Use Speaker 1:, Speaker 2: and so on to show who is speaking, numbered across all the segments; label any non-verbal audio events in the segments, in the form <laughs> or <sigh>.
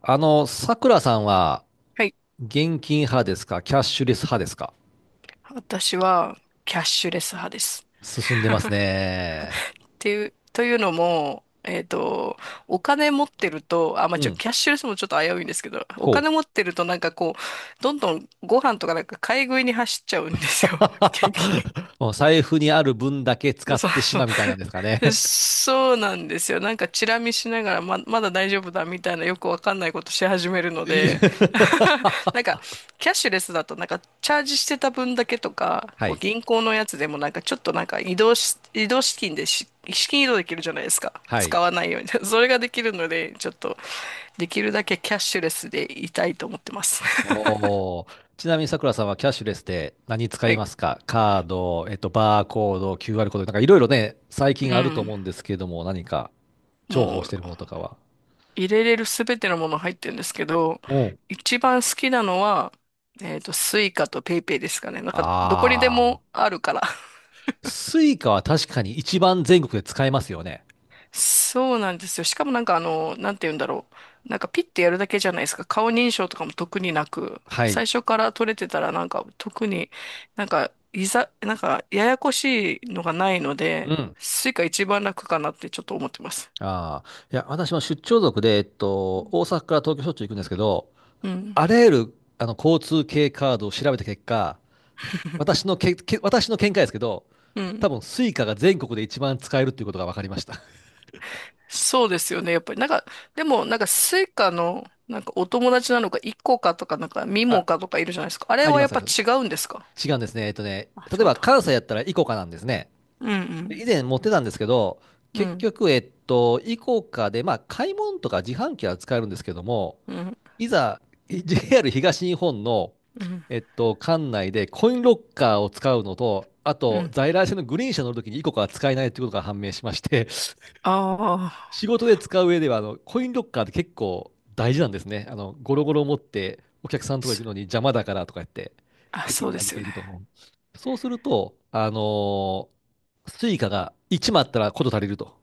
Speaker 1: あの、さくらさんは、
Speaker 2: はい。
Speaker 1: 現金派ですか、キャッシュレス派ですか？
Speaker 2: 私はキャッシュレス派です。
Speaker 1: 進んでますね。
Speaker 2: っていう、というのも、お金持ってると、
Speaker 1: うん。
Speaker 2: キャッシュレスもちょっと危ういんですけど、お
Speaker 1: ほ
Speaker 2: 金持
Speaker 1: う。
Speaker 2: ってるとなんかこう、どんどんご飯とかなんか買い食いに走っちゃうんですよ。<laughs> 現
Speaker 1: <laughs> もう財布にある分だけ使
Speaker 2: <laughs>
Speaker 1: っ
Speaker 2: そう
Speaker 1: てし
Speaker 2: そ
Speaker 1: ま
Speaker 2: う。
Speaker 1: うみたいなんですか
Speaker 2: <laughs>
Speaker 1: ね。
Speaker 2: そうなんですよ。なんかチラ見しながらまだ大丈夫だみたいなよくわかんないことし始める
Speaker 1: <laughs>
Speaker 2: の
Speaker 1: い
Speaker 2: で、
Speaker 1: え。
Speaker 2: <laughs> なんかキャッシュレスだとなんかチャージしてた分だけとか、
Speaker 1: は
Speaker 2: こう
Speaker 1: い。
Speaker 2: 銀行のやつでもなんかちょっとなんか移動資金でし、資金移動できるじゃないですか。
Speaker 1: はい。
Speaker 2: 使わないように。<laughs> それができるので、ちょっとできるだけキャッシュレスでいたいと思ってます。<laughs>
Speaker 1: おー。ちなみにさくらさんはキャッシュレスで何使
Speaker 2: は
Speaker 1: い
Speaker 2: い。
Speaker 1: ますか？カード、バーコード、QR コード、いろいろね、最
Speaker 2: う
Speaker 1: 近あると
Speaker 2: ん。
Speaker 1: 思うんですけども、何か重
Speaker 2: も
Speaker 1: 宝し
Speaker 2: う
Speaker 1: てるものとかは？
Speaker 2: 入れれるすべてのもの入ってるんですけど、
Speaker 1: うん。
Speaker 2: 一番好きなのは、スイカとペイペイですかね。なんか、どこにで
Speaker 1: ああ。
Speaker 2: もあるから。<laughs>
Speaker 1: スイカは確かに一番全国で使えますよね。
Speaker 2: そうなんですよ。しかもなんかあの、なんて言うんだろう。なんかピッてやるだけじゃないですか。顔認証とかも特になく、
Speaker 1: はい。
Speaker 2: 最初から取れてたらなんか特になんか、いざ、なんかややこしいのがないの
Speaker 1: う
Speaker 2: で、
Speaker 1: ん。
Speaker 2: スイカ一番楽かなってちょっと思ってます。
Speaker 1: ああ。いや、私も出張族で、大阪から東京しょっちゅう行くんですけど、
Speaker 2: うん。
Speaker 1: あらゆる、交通系カードを調べた結果、私の見解ですけど、
Speaker 2: う
Speaker 1: 多
Speaker 2: ん。
Speaker 1: 分、スイカが全国で一番使えるっていうことが分かりました。
Speaker 2: そうですよね。やっぱり、なんか、でも、なんか、スイカの、なんか、お友達なのか、イコカとか、なんか、ミ
Speaker 1: <laughs>
Speaker 2: モ
Speaker 1: あ、
Speaker 2: カとかいるじゃないですか。あれ
Speaker 1: あり
Speaker 2: は
Speaker 1: ま
Speaker 2: やっ
Speaker 1: す。
Speaker 2: ぱ違うんですか。
Speaker 1: 違うんですね。
Speaker 2: あ、
Speaker 1: 例
Speaker 2: 違
Speaker 1: え
Speaker 2: うん
Speaker 1: ば
Speaker 2: だ。
Speaker 1: 関西やったらイコカなんですね。
Speaker 2: うん
Speaker 1: 以前持ってたんですけど、
Speaker 2: うん。う
Speaker 1: 結
Speaker 2: ん
Speaker 1: 局、イコカで、買い物とか自販機は使えるんですけども、
Speaker 2: うん
Speaker 1: いざ JR 東日本の、
Speaker 2: うん。
Speaker 1: 管内でコインロッカーを使うのと、あ
Speaker 2: う
Speaker 1: と
Speaker 2: ん。
Speaker 1: 在来線のグリーン車乗るときにイコカは使えないということが判明しまして、
Speaker 2: あ
Speaker 1: <laughs> 仕
Speaker 2: あ、
Speaker 1: 事で使う上ではコインロッカーって結構大事なんですね。ゴロゴロ持ってお客さんのとこ行
Speaker 2: す
Speaker 1: くのに邪魔だからとか言って、
Speaker 2: あ、
Speaker 1: 駅
Speaker 2: そう
Speaker 1: に
Speaker 2: で
Speaker 1: 預
Speaker 2: す
Speaker 1: け
Speaker 2: よね。
Speaker 1: ると。そうすると、スイカが1枚あったらこと足りると。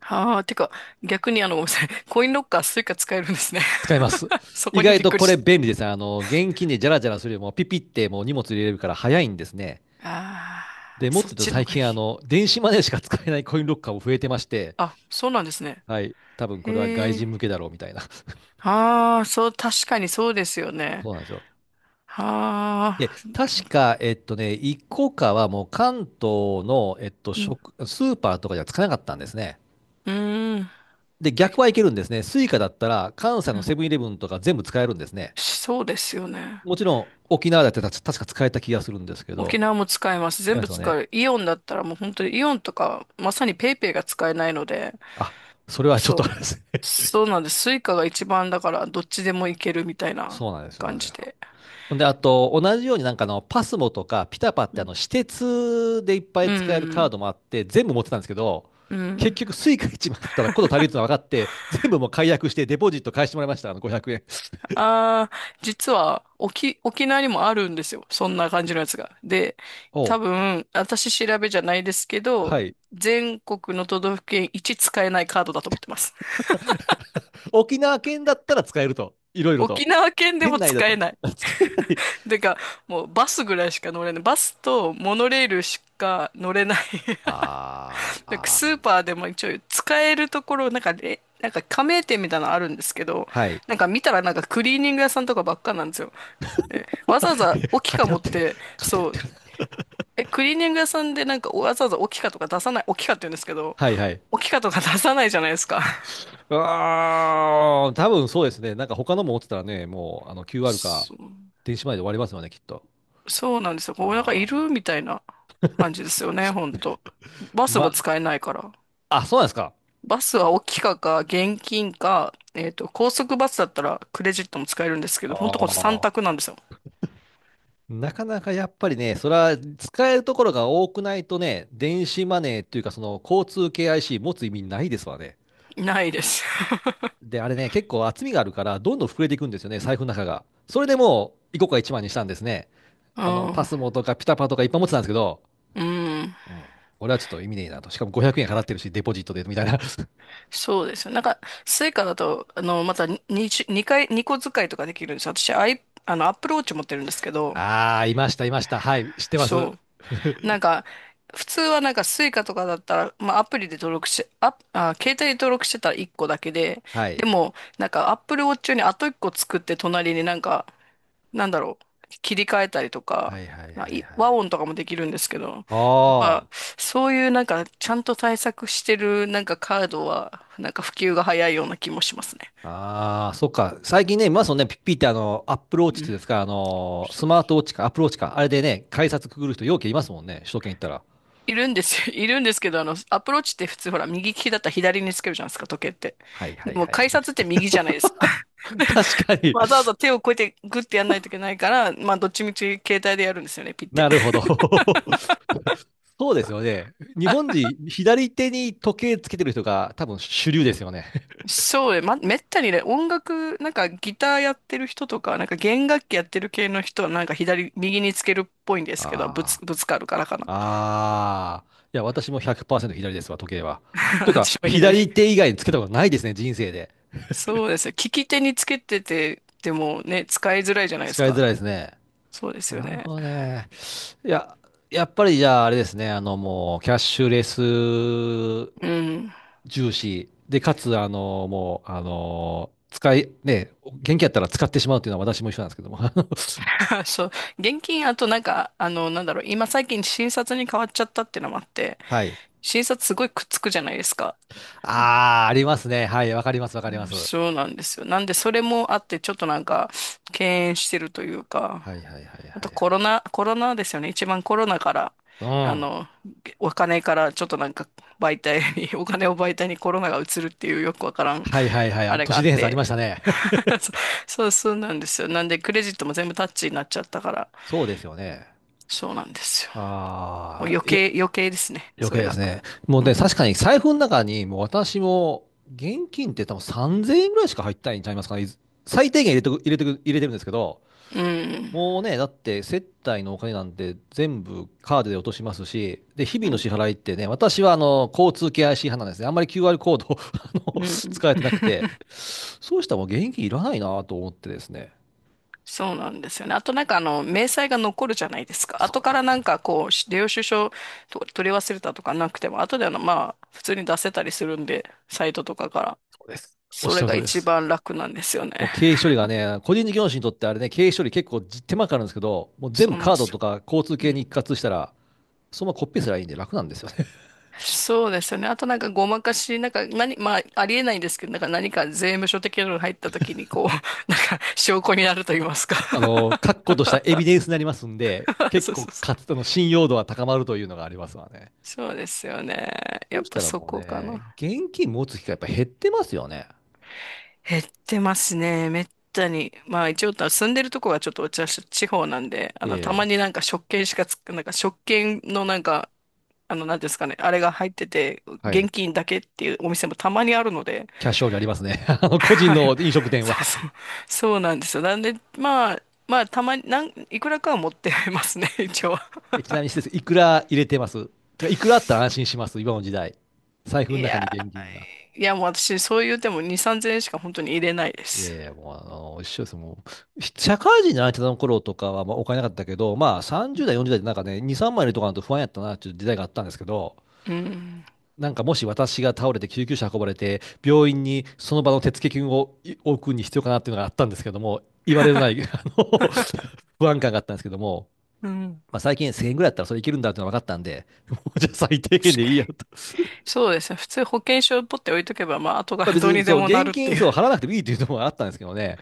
Speaker 2: ああ、てか、逆にあの、ごめんなさい。<laughs> コインロッカー、スイカ使えるんですね。
Speaker 1: 使います。
Speaker 2: <laughs> そ
Speaker 1: 意
Speaker 2: こに
Speaker 1: 外
Speaker 2: びっ
Speaker 1: と
Speaker 2: くり
Speaker 1: こ
Speaker 2: し
Speaker 1: れ
Speaker 2: た。
Speaker 1: 便利ですね。現金でジャラジャラするよりもピピってもう荷物入れれるから早いんですね。
Speaker 2: あ
Speaker 1: で、
Speaker 2: あ、
Speaker 1: もっ
Speaker 2: そ
Speaker 1: と言
Speaker 2: っ
Speaker 1: うと
Speaker 2: ちの
Speaker 1: 最
Speaker 2: がいい。
Speaker 1: 近電子マネーしか使えないコインロッカーも増えてまして、
Speaker 2: あ、そうなんですね。
Speaker 1: はい。多分これは外
Speaker 2: へえ。
Speaker 1: 人向けだろうみたいな。
Speaker 2: ああ、そう、確かにそうですよ
Speaker 1: <laughs>
Speaker 2: ね。
Speaker 1: そうなんですよ。で、
Speaker 2: ああ。
Speaker 1: 確か、一個かはもう関東の、
Speaker 2: うん。
Speaker 1: スーパーとかじゃ使えなかったんですね。
Speaker 2: うーん。い
Speaker 1: で、
Speaker 2: い
Speaker 1: 逆はい
Speaker 2: 子。
Speaker 1: けるんですね。スイカだったら関西
Speaker 2: う
Speaker 1: の
Speaker 2: ん。
Speaker 1: セブンイレブンとか全部使えるんですね。
Speaker 2: しそうですよね。
Speaker 1: もちろん沖縄だってた確か使えた気がするんですけ
Speaker 2: 沖
Speaker 1: ど、
Speaker 2: 縄も使えます。
Speaker 1: 使
Speaker 2: 全
Speaker 1: えま
Speaker 2: 部
Speaker 1: すよ
Speaker 2: 使
Speaker 1: ね。
Speaker 2: う。イオンだったらもう本当にイオンとか、まさにペイペイが使えないので、
Speaker 1: あ、それはちょっ
Speaker 2: そ
Speaker 1: と
Speaker 2: う。
Speaker 1: あれですね。<laughs>
Speaker 2: そうなんです。スイカが一番だから、どっちでもいけるみたい
Speaker 1: そう
Speaker 2: な
Speaker 1: なんですよ。そう
Speaker 2: 感
Speaker 1: なんです
Speaker 2: じ
Speaker 1: よ。
Speaker 2: で。
Speaker 1: ほんで、あと、同じようにパスモとかピタパっ
Speaker 2: う
Speaker 1: て
Speaker 2: ん。
Speaker 1: 私鉄でいっぱ
Speaker 2: う
Speaker 1: い使えるカー
Speaker 2: ん。
Speaker 1: ドもあって、全部持ってたんですけど、
Speaker 2: う
Speaker 1: 結
Speaker 2: ん。
Speaker 1: 局スイカ1枚あったらこと足りるってのが分かって、全部もう解約してデポジット返してもらいました。500円。
Speaker 2: ああ、実は、沖縄にもあるんですよ。そんな感じのやつが。で、
Speaker 1: お
Speaker 2: 多
Speaker 1: う。
Speaker 2: 分、私調べじゃないですけど、
Speaker 1: はい。
Speaker 2: 全国の都道府県一使えないカードだと思ってます。
Speaker 1: 沖縄県だったら使えると。いろいろ
Speaker 2: 沖
Speaker 1: と。
Speaker 2: 縄県で
Speaker 1: 県
Speaker 2: も
Speaker 1: 内だっ
Speaker 2: 使
Speaker 1: たら
Speaker 2: えない。
Speaker 1: <laughs> 使えない。
Speaker 2: てか、もうバスぐらいしか乗れない。バスとモノレールしか乗れない。
Speaker 1: あー
Speaker 2: <laughs> なんか
Speaker 1: あー、
Speaker 2: スーパーでも一応使えるところ、なんかれ、なんか加盟店みたいなのあるんですけど、
Speaker 1: はい。
Speaker 2: なんか見たらなんかクリーニング屋さんとかばっかなんですよ。でわざわざオ
Speaker 1: <laughs>
Speaker 2: キカ
Speaker 1: 偏
Speaker 2: 持
Speaker 1: っ
Speaker 2: っ
Speaker 1: て、
Speaker 2: て、
Speaker 1: 偏っ
Speaker 2: そう、
Speaker 1: てるな。
Speaker 2: え、クリーニング屋さんでなんかわざわざオキカとか出さない、オキカって言うんですけど、
Speaker 1: はいはい。
Speaker 2: オキカとか出さないじゃないですか。
Speaker 1: ああ、多分そうですね。他のも持ってたらね、もう
Speaker 2: <laughs>
Speaker 1: QR か
Speaker 2: そう。
Speaker 1: 電子マネーで終わりますよね、きっと。
Speaker 2: そうなんですよ。こう、なんかい
Speaker 1: ああ。
Speaker 2: るみたいな感じですよね、ほんと。バスも
Speaker 1: ま、
Speaker 2: 使えないから。
Speaker 1: あ、そうなんですか。
Speaker 2: バスは大きかか、現金か、高速バスだったらクレジットも使えるんですけど、ほんとこ
Speaker 1: あ
Speaker 2: の3
Speaker 1: あ。
Speaker 2: 択なんですよ。
Speaker 1: なかなかやっぱりね、それは使えるところが多くないとね、電子マネーっていうかその交通系 IC 持つ意味ないですわね。
Speaker 2: ないです。
Speaker 1: で、あれね、結構厚みがあるから、どんどん膨れていくんですよね、財布の中が。それでもう、い個か1万にしたんですね。
Speaker 2: <laughs> う
Speaker 1: パ
Speaker 2: ん。
Speaker 1: スモとかピタパとかいっぱい持ってたんですけど、
Speaker 2: うん。
Speaker 1: うん。俺はちょっと意味ねえなと。しかも500円払ってるし、デポジットで、みたいな。<laughs>
Speaker 2: そうですよ。なんか、スイカだと、あの、また2、にに回、2個使いとかできるんですよ。私、アイ、あの、アップルウォッチ持ってるんですけど、
Speaker 1: ああ、いました、いました。はい、知ってま
Speaker 2: そ
Speaker 1: す。
Speaker 2: う。なんか、普通はなんかスイカとかだったら、まあアプリで登録し、アプあ、携帯で登録してたら1個だけで、
Speaker 1: はい。
Speaker 2: でも、なんか Apple Watch にあと1個作って隣になんか、なんだろう、切り替えたりとか、
Speaker 1: はいはい
Speaker 2: ま
Speaker 1: は
Speaker 2: あ
Speaker 1: い
Speaker 2: い
Speaker 1: は
Speaker 2: 和
Speaker 1: い。
Speaker 2: 音とかもできるんですけど、やっ
Speaker 1: あ
Speaker 2: ぱ、そういうなんか、ちゃんと対策してるなんかカードは、なんか普及が早いような気もしますね。
Speaker 1: あ、ああ、そっか。最近ね、見ますよね、ピッピってアップルウォッチっ
Speaker 2: う
Speaker 1: ていう
Speaker 2: ん。
Speaker 1: んですか、
Speaker 2: そ
Speaker 1: ス
Speaker 2: う。
Speaker 1: マートウォッチか、アップルウォッチか、あれでね、改札くぐる人、ようけいますもんね、首都圏行ったら。
Speaker 2: いるんですよ。<laughs> いるんですけど、あの、アプローチって普通ほら、右利きだったら左につけるじゃないですか、時計って。
Speaker 1: はいは
Speaker 2: で
Speaker 1: い
Speaker 2: も、
Speaker 1: はいは
Speaker 2: 改
Speaker 1: い。
Speaker 2: 札って右じゃないですか。
Speaker 1: <laughs> 確かに。
Speaker 2: わざわざ手をこうやってグッてやんないといけないから、まあどっちみち携帯でやるんですよね、ピッて。
Speaker 1: なるほど。<laughs> そうですよね。日本人、左手に時計つけてる人が多分主流ですよね。<laughs>
Speaker 2: そうね、ま、めったにね、音楽、なんかギターやってる人とか、なんか弦楽器やってる系の人はなんか左、右につけるっぽいんですけど、
Speaker 1: あ
Speaker 2: ぶつかるからかな。
Speaker 1: あ。ああ。いや、私も100%左ですわ、時計は。という
Speaker 2: <laughs>
Speaker 1: か、
Speaker 2: 私は左。
Speaker 1: 左手以外につけたことないですね、人生で。
Speaker 2: そうですよ。利き手につけてて、でもね、使いづらいじゃないです
Speaker 1: 使い
Speaker 2: か。
Speaker 1: づらいですね。
Speaker 2: そうですよ
Speaker 1: なる
Speaker 2: ね。
Speaker 1: ほどね。いや、やっぱりじゃああれですね、あのもう、キャッシュレス
Speaker 2: うん。
Speaker 1: 重視。で、かつ、あの、もう、あの、使い、ね、元気やったら使ってしまうというのは私も一緒なんですけども。<laughs>
Speaker 2: <laughs> そう。現金、あとなんか、あの、なんだろう、今最近新札に変わっちゃったっていうのもあって、
Speaker 1: はい。
Speaker 2: 新札すごいくっつくじゃないですか。
Speaker 1: ああ、ありますね。はい、わかります、わかります。はい。
Speaker 2: そうなんですよ。なんで、それもあって、ちょっとなんか、敬遠してるというか、
Speaker 1: はいはいはいは
Speaker 2: あとコ
Speaker 1: い。
Speaker 2: ロナ、コロナですよね。一番コロナから、
Speaker 1: う
Speaker 2: あ
Speaker 1: ん。
Speaker 2: の、お金から、ちょっとなんか、媒体に、<laughs> お金を媒体にコロナが移るっていうよくわからん、
Speaker 1: はいはいは
Speaker 2: あ
Speaker 1: い。
Speaker 2: れ
Speaker 1: 都
Speaker 2: があ
Speaker 1: 市
Speaker 2: っ
Speaker 1: 伝説あり
Speaker 2: て。
Speaker 1: ましたね。
Speaker 2: <laughs> そそう、そうなんですよ。なんで、クレジットも全部タッチになっちゃったから、
Speaker 1: そうですよね。
Speaker 2: そうなんですよ。もう
Speaker 1: ああ、いや、
Speaker 2: 余計ですね、
Speaker 1: 余
Speaker 2: そ
Speaker 1: 計
Speaker 2: れ
Speaker 1: です
Speaker 2: が。
Speaker 1: ね。もう
Speaker 2: う
Speaker 1: ね、
Speaker 2: ん。
Speaker 1: 確かに財布の中に、もう私も、現金って多分3000円ぐらいしか入ってないんちゃいますかね。いず最低限入れてるんですけど、
Speaker 2: うん。
Speaker 1: もうね、だって接待のお金なんて全部カードで落としますし、で、日
Speaker 2: う
Speaker 1: 々の
Speaker 2: ん。
Speaker 1: 支払いってね、私は交通系 IC 派なんですね。あんまり QR コードを <laughs> あ
Speaker 2: う
Speaker 1: 使え
Speaker 2: ん。
Speaker 1: てなくて、そうしたらもう現金いらないなと思ってですね。
Speaker 2: そうなんですよね。あとなんかあの、明細が残るじゃないですか。
Speaker 1: そ
Speaker 2: 後
Speaker 1: う
Speaker 2: か
Speaker 1: なん
Speaker 2: ら
Speaker 1: で
Speaker 2: なん
Speaker 1: す。
Speaker 2: かこう、領収書と取り忘れたとかなくても、後であの、まあ、普通に出せたりするんで、サイトとかから。
Speaker 1: そうです。おっ
Speaker 2: そ
Speaker 1: しゃ
Speaker 2: れ
Speaker 1: る
Speaker 2: が
Speaker 1: 通りで
Speaker 2: 一
Speaker 1: す。
Speaker 2: 番楽なんですよ
Speaker 1: も
Speaker 2: ね。
Speaker 1: う経費処理がね、個人事業主にとってあれね、経費処理結構手間かかるんですけど、もう全
Speaker 2: そ
Speaker 1: 部
Speaker 2: うなん
Speaker 1: カー
Speaker 2: で
Speaker 1: ド
Speaker 2: すよ。
Speaker 1: とか交通
Speaker 2: う
Speaker 1: 系に
Speaker 2: ん。
Speaker 1: 一括したら、そのままコピーすればいいんで楽なんですよね。<laughs>
Speaker 2: そうですよね。あとなんかごまかし、なんか何、まあ、ありえないんですけど、なんか何か税務署的なのが入った時にこう、<laughs> なんか証拠になると言いますか。
Speaker 1: 確固としたエビデンスになりますんで、
Speaker 2: <laughs>
Speaker 1: 結
Speaker 2: そうそう
Speaker 1: 構
Speaker 2: そ
Speaker 1: か
Speaker 2: う。
Speaker 1: つての信用度は高まるというのがありますわね。
Speaker 2: そうですよね。
Speaker 1: そ
Speaker 2: や
Speaker 1: う
Speaker 2: っ
Speaker 1: し
Speaker 2: ぱ
Speaker 1: たら
Speaker 2: そ
Speaker 1: もう
Speaker 2: こか
Speaker 1: ね、
Speaker 2: な。
Speaker 1: 現金持つ機会やっぱ減ってますよね。
Speaker 2: 減ってますね。めったに。まあ一応住んでるとこはちょっと私地方なんで、あ
Speaker 1: え
Speaker 2: の、たま
Speaker 1: え、
Speaker 2: になんか食券しかつ、なんか食券のなんか、あの、なんていうんですかね、あれが入ってて、
Speaker 1: は
Speaker 2: 現
Speaker 1: い。
Speaker 2: 金だけっていうお店もたまにあるので、
Speaker 1: キャッシュオンにありますね。<laughs> 個人
Speaker 2: はい。
Speaker 1: の飲食店
Speaker 2: そ
Speaker 1: は。
Speaker 2: うそう、そうなんですよ。なんで、まあ、まあ、たまに、いくらかは持ってますね、<laughs> 一応。
Speaker 1: え、ちなみに施設、いくら入れてます？てかいくらあったら安心します、今の時代。財布の
Speaker 2: い
Speaker 1: 中
Speaker 2: や
Speaker 1: に現金が。
Speaker 2: ー、いやもう私、そう言うても2、3000円しか本当に入れないで
Speaker 1: いや
Speaker 2: す。
Speaker 1: いや、もうあの、一緒です。社会人になってたの頃とかは、お金なかったけど、30代、40代でなんかね、2、3いのとかだと不安やったな、っていう時代があったんですけど、
Speaker 2: うん。
Speaker 1: なんかもし私が倒れて救急車運ばれて、病院にその場の手付金を置くに必要かなっていうのがあったんですけども、言われのない、<laughs>
Speaker 2: <laughs>
Speaker 1: 不安感があったんですけども、
Speaker 2: うん。
Speaker 1: まあ、最近1000円ぐらいだったらそれいけるんだっていうのが分かったんで、<laughs> もうじゃあ最低限
Speaker 2: 確
Speaker 1: でい
Speaker 2: か
Speaker 1: い
Speaker 2: に。
Speaker 1: やと。
Speaker 2: そうですね。普通保険証をポッて置いとけば、まあ、後か
Speaker 1: まあ
Speaker 2: ら
Speaker 1: 別
Speaker 2: どう
Speaker 1: に
Speaker 2: にで
Speaker 1: そう、
Speaker 2: もな
Speaker 1: 現
Speaker 2: るって
Speaker 1: 金
Speaker 2: いう。
Speaker 1: そう払わなくてもいいっていうのもあったんですけどね、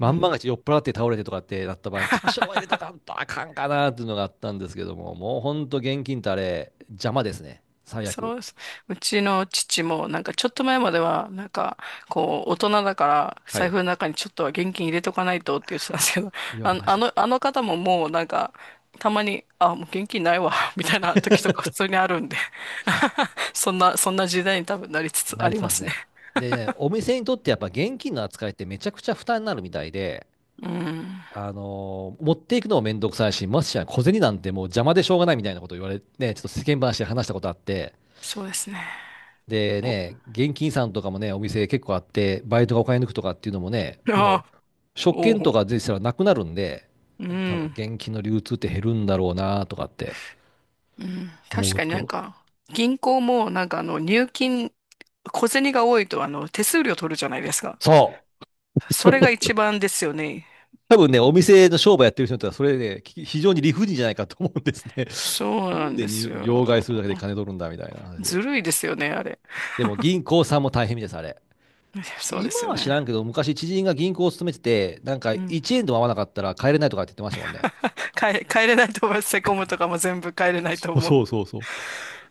Speaker 2: う
Speaker 1: んま
Speaker 2: ん。
Speaker 1: がち酔っ払って倒れてとかってなった場合に、多少は入れと
Speaker 2: <laughs>
Speaker 1: かんとあかんかなっていうのがあったんですけども、もうほんと現金ってあれ、邪魔ですね。最
Speaker 2: そ
Speaker 1: 悪。
Speaker 2: うです。うちの父も、なんかちょっと前までは、なんか、こう、大人だから、
Speaker 1: は
Speaker 2: 財
Speaker 1: い。
Speaker 2: 布の中にちょっとは現金入れとかないとって言ってたんですけど、
Speaker 1: 言
Speaker 2: <laughs>
Speaker 1: わ
Speaker 2: あ
Speaker 1: れ
Speaker 2: の、
Speaker 1: まし
Speaker 2: あ
Speaker 1: たよ。
Speaker 2: の、あの方ももうなんか、たまに、あ、もう現金ないわ、<laughs> みたいな時とか普通にあるんで、<laughs> そんな、そんな時代に多分なりつつ
Speaker 1: な
Speaker 2: あ
Speaker 1: り
Speaker 2: り
Speaker 1: つ
Speaker 2: ま
Speaker 1: ます
Speaker 2: すね。
Speaker 1: ね。で、お店にとってやっぱ現金の扱いってめちゃくちゃ負担になるみたいで、
Speaker 2: うん。
Speaker 1: 持っていくのもめんどくさいし、ましてや小銭なんてもう邪魔でしょうがないみたいなこと言われて、ね、ちょっと世間話で話したことあって、
Speaker 2: そうですね。
Speaker 1: で
Speaker 2: お、
Speaker 1: ね、現金さんとかもね、お店結構あって、バイトがお金抜くとかっていうのもね、
Speaker 2: <laughs>
Speaker 1: も
Speaker 2: あ、
Speaker 1: う、食券
Speaker 2: お、
Speaker 1: とか税したらなくなるんで、
Speaker 2: う
Speaker 1: 多分
Speaker 2: ん。
Speaker 1: 現金の流通って減るんだろうなとかって
Speaker 2: うん、確
Speaker 1: 思う
Speaker 2: かになん
Speaker 1: と。
Speaker 2: か、銀行もなんかあの入金、小銭が多いとあの手数料取るじゃないですか。
Speaker 1: そう。
Speaker 2: それが一番ですよね。
Speaker 1: 多分ね、お店の商売やってる人にとっては、それね、非常に理不尽じゃないかと思うんですね。
Speaker 2: そう
Speaker 1: <laughs> な
Speaker 2: な
Speaker 1: ん
Speaker 2: ん
Speaker 1: で
Speaker 2: です
Speaker 1: 両替
Speaker 2: よ。
Speaker 1: するだけで金取るんだみたいな話で。
Speaker 2: ずるいですよね、あれ。
Speaker 1: でも銀行さんも大変みたいです、あれ。
Speaker 2: そうで
Speaker 1: 今
Speaker 2: すよ
Speaker 1: は知
Speaker 2: ね。
Speaker 1: らんけど、昔知人が銀行を勤めてて、なんか
Speaker 2: うん。
Speaker 1: 1円でも合わなかったら帰れないとかって言ってましたもんね。
Speaker 2: 帰れないと思います。セコムとかも全部帰れないと
Speaker 1: そう
Speaker 2: 思う。
Speaker 1: そうそうそう。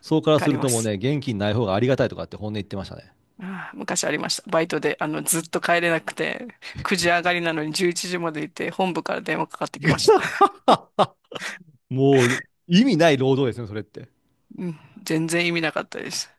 Speaker 1: そうから
Speaker 2: 帰
Speaker 1: す
Speaker 2: り
Speaker 1: る
Speaker 2: ま
Speaker 1: ともう
Speaker 2: す。
Speaker 1: ね、現金ない方がありがたいとかって本音言ってましたね。
Speaker 2: ああ、昔ありました。バイトで、あの、ずっと帰れなくて、9時上がりなのに11時までいて、本部から電話かかってきました。
Speaker 1: <laughs> もう、意味ない労働ですね、それって。
Speaker 2: うん、全然意味なかったです。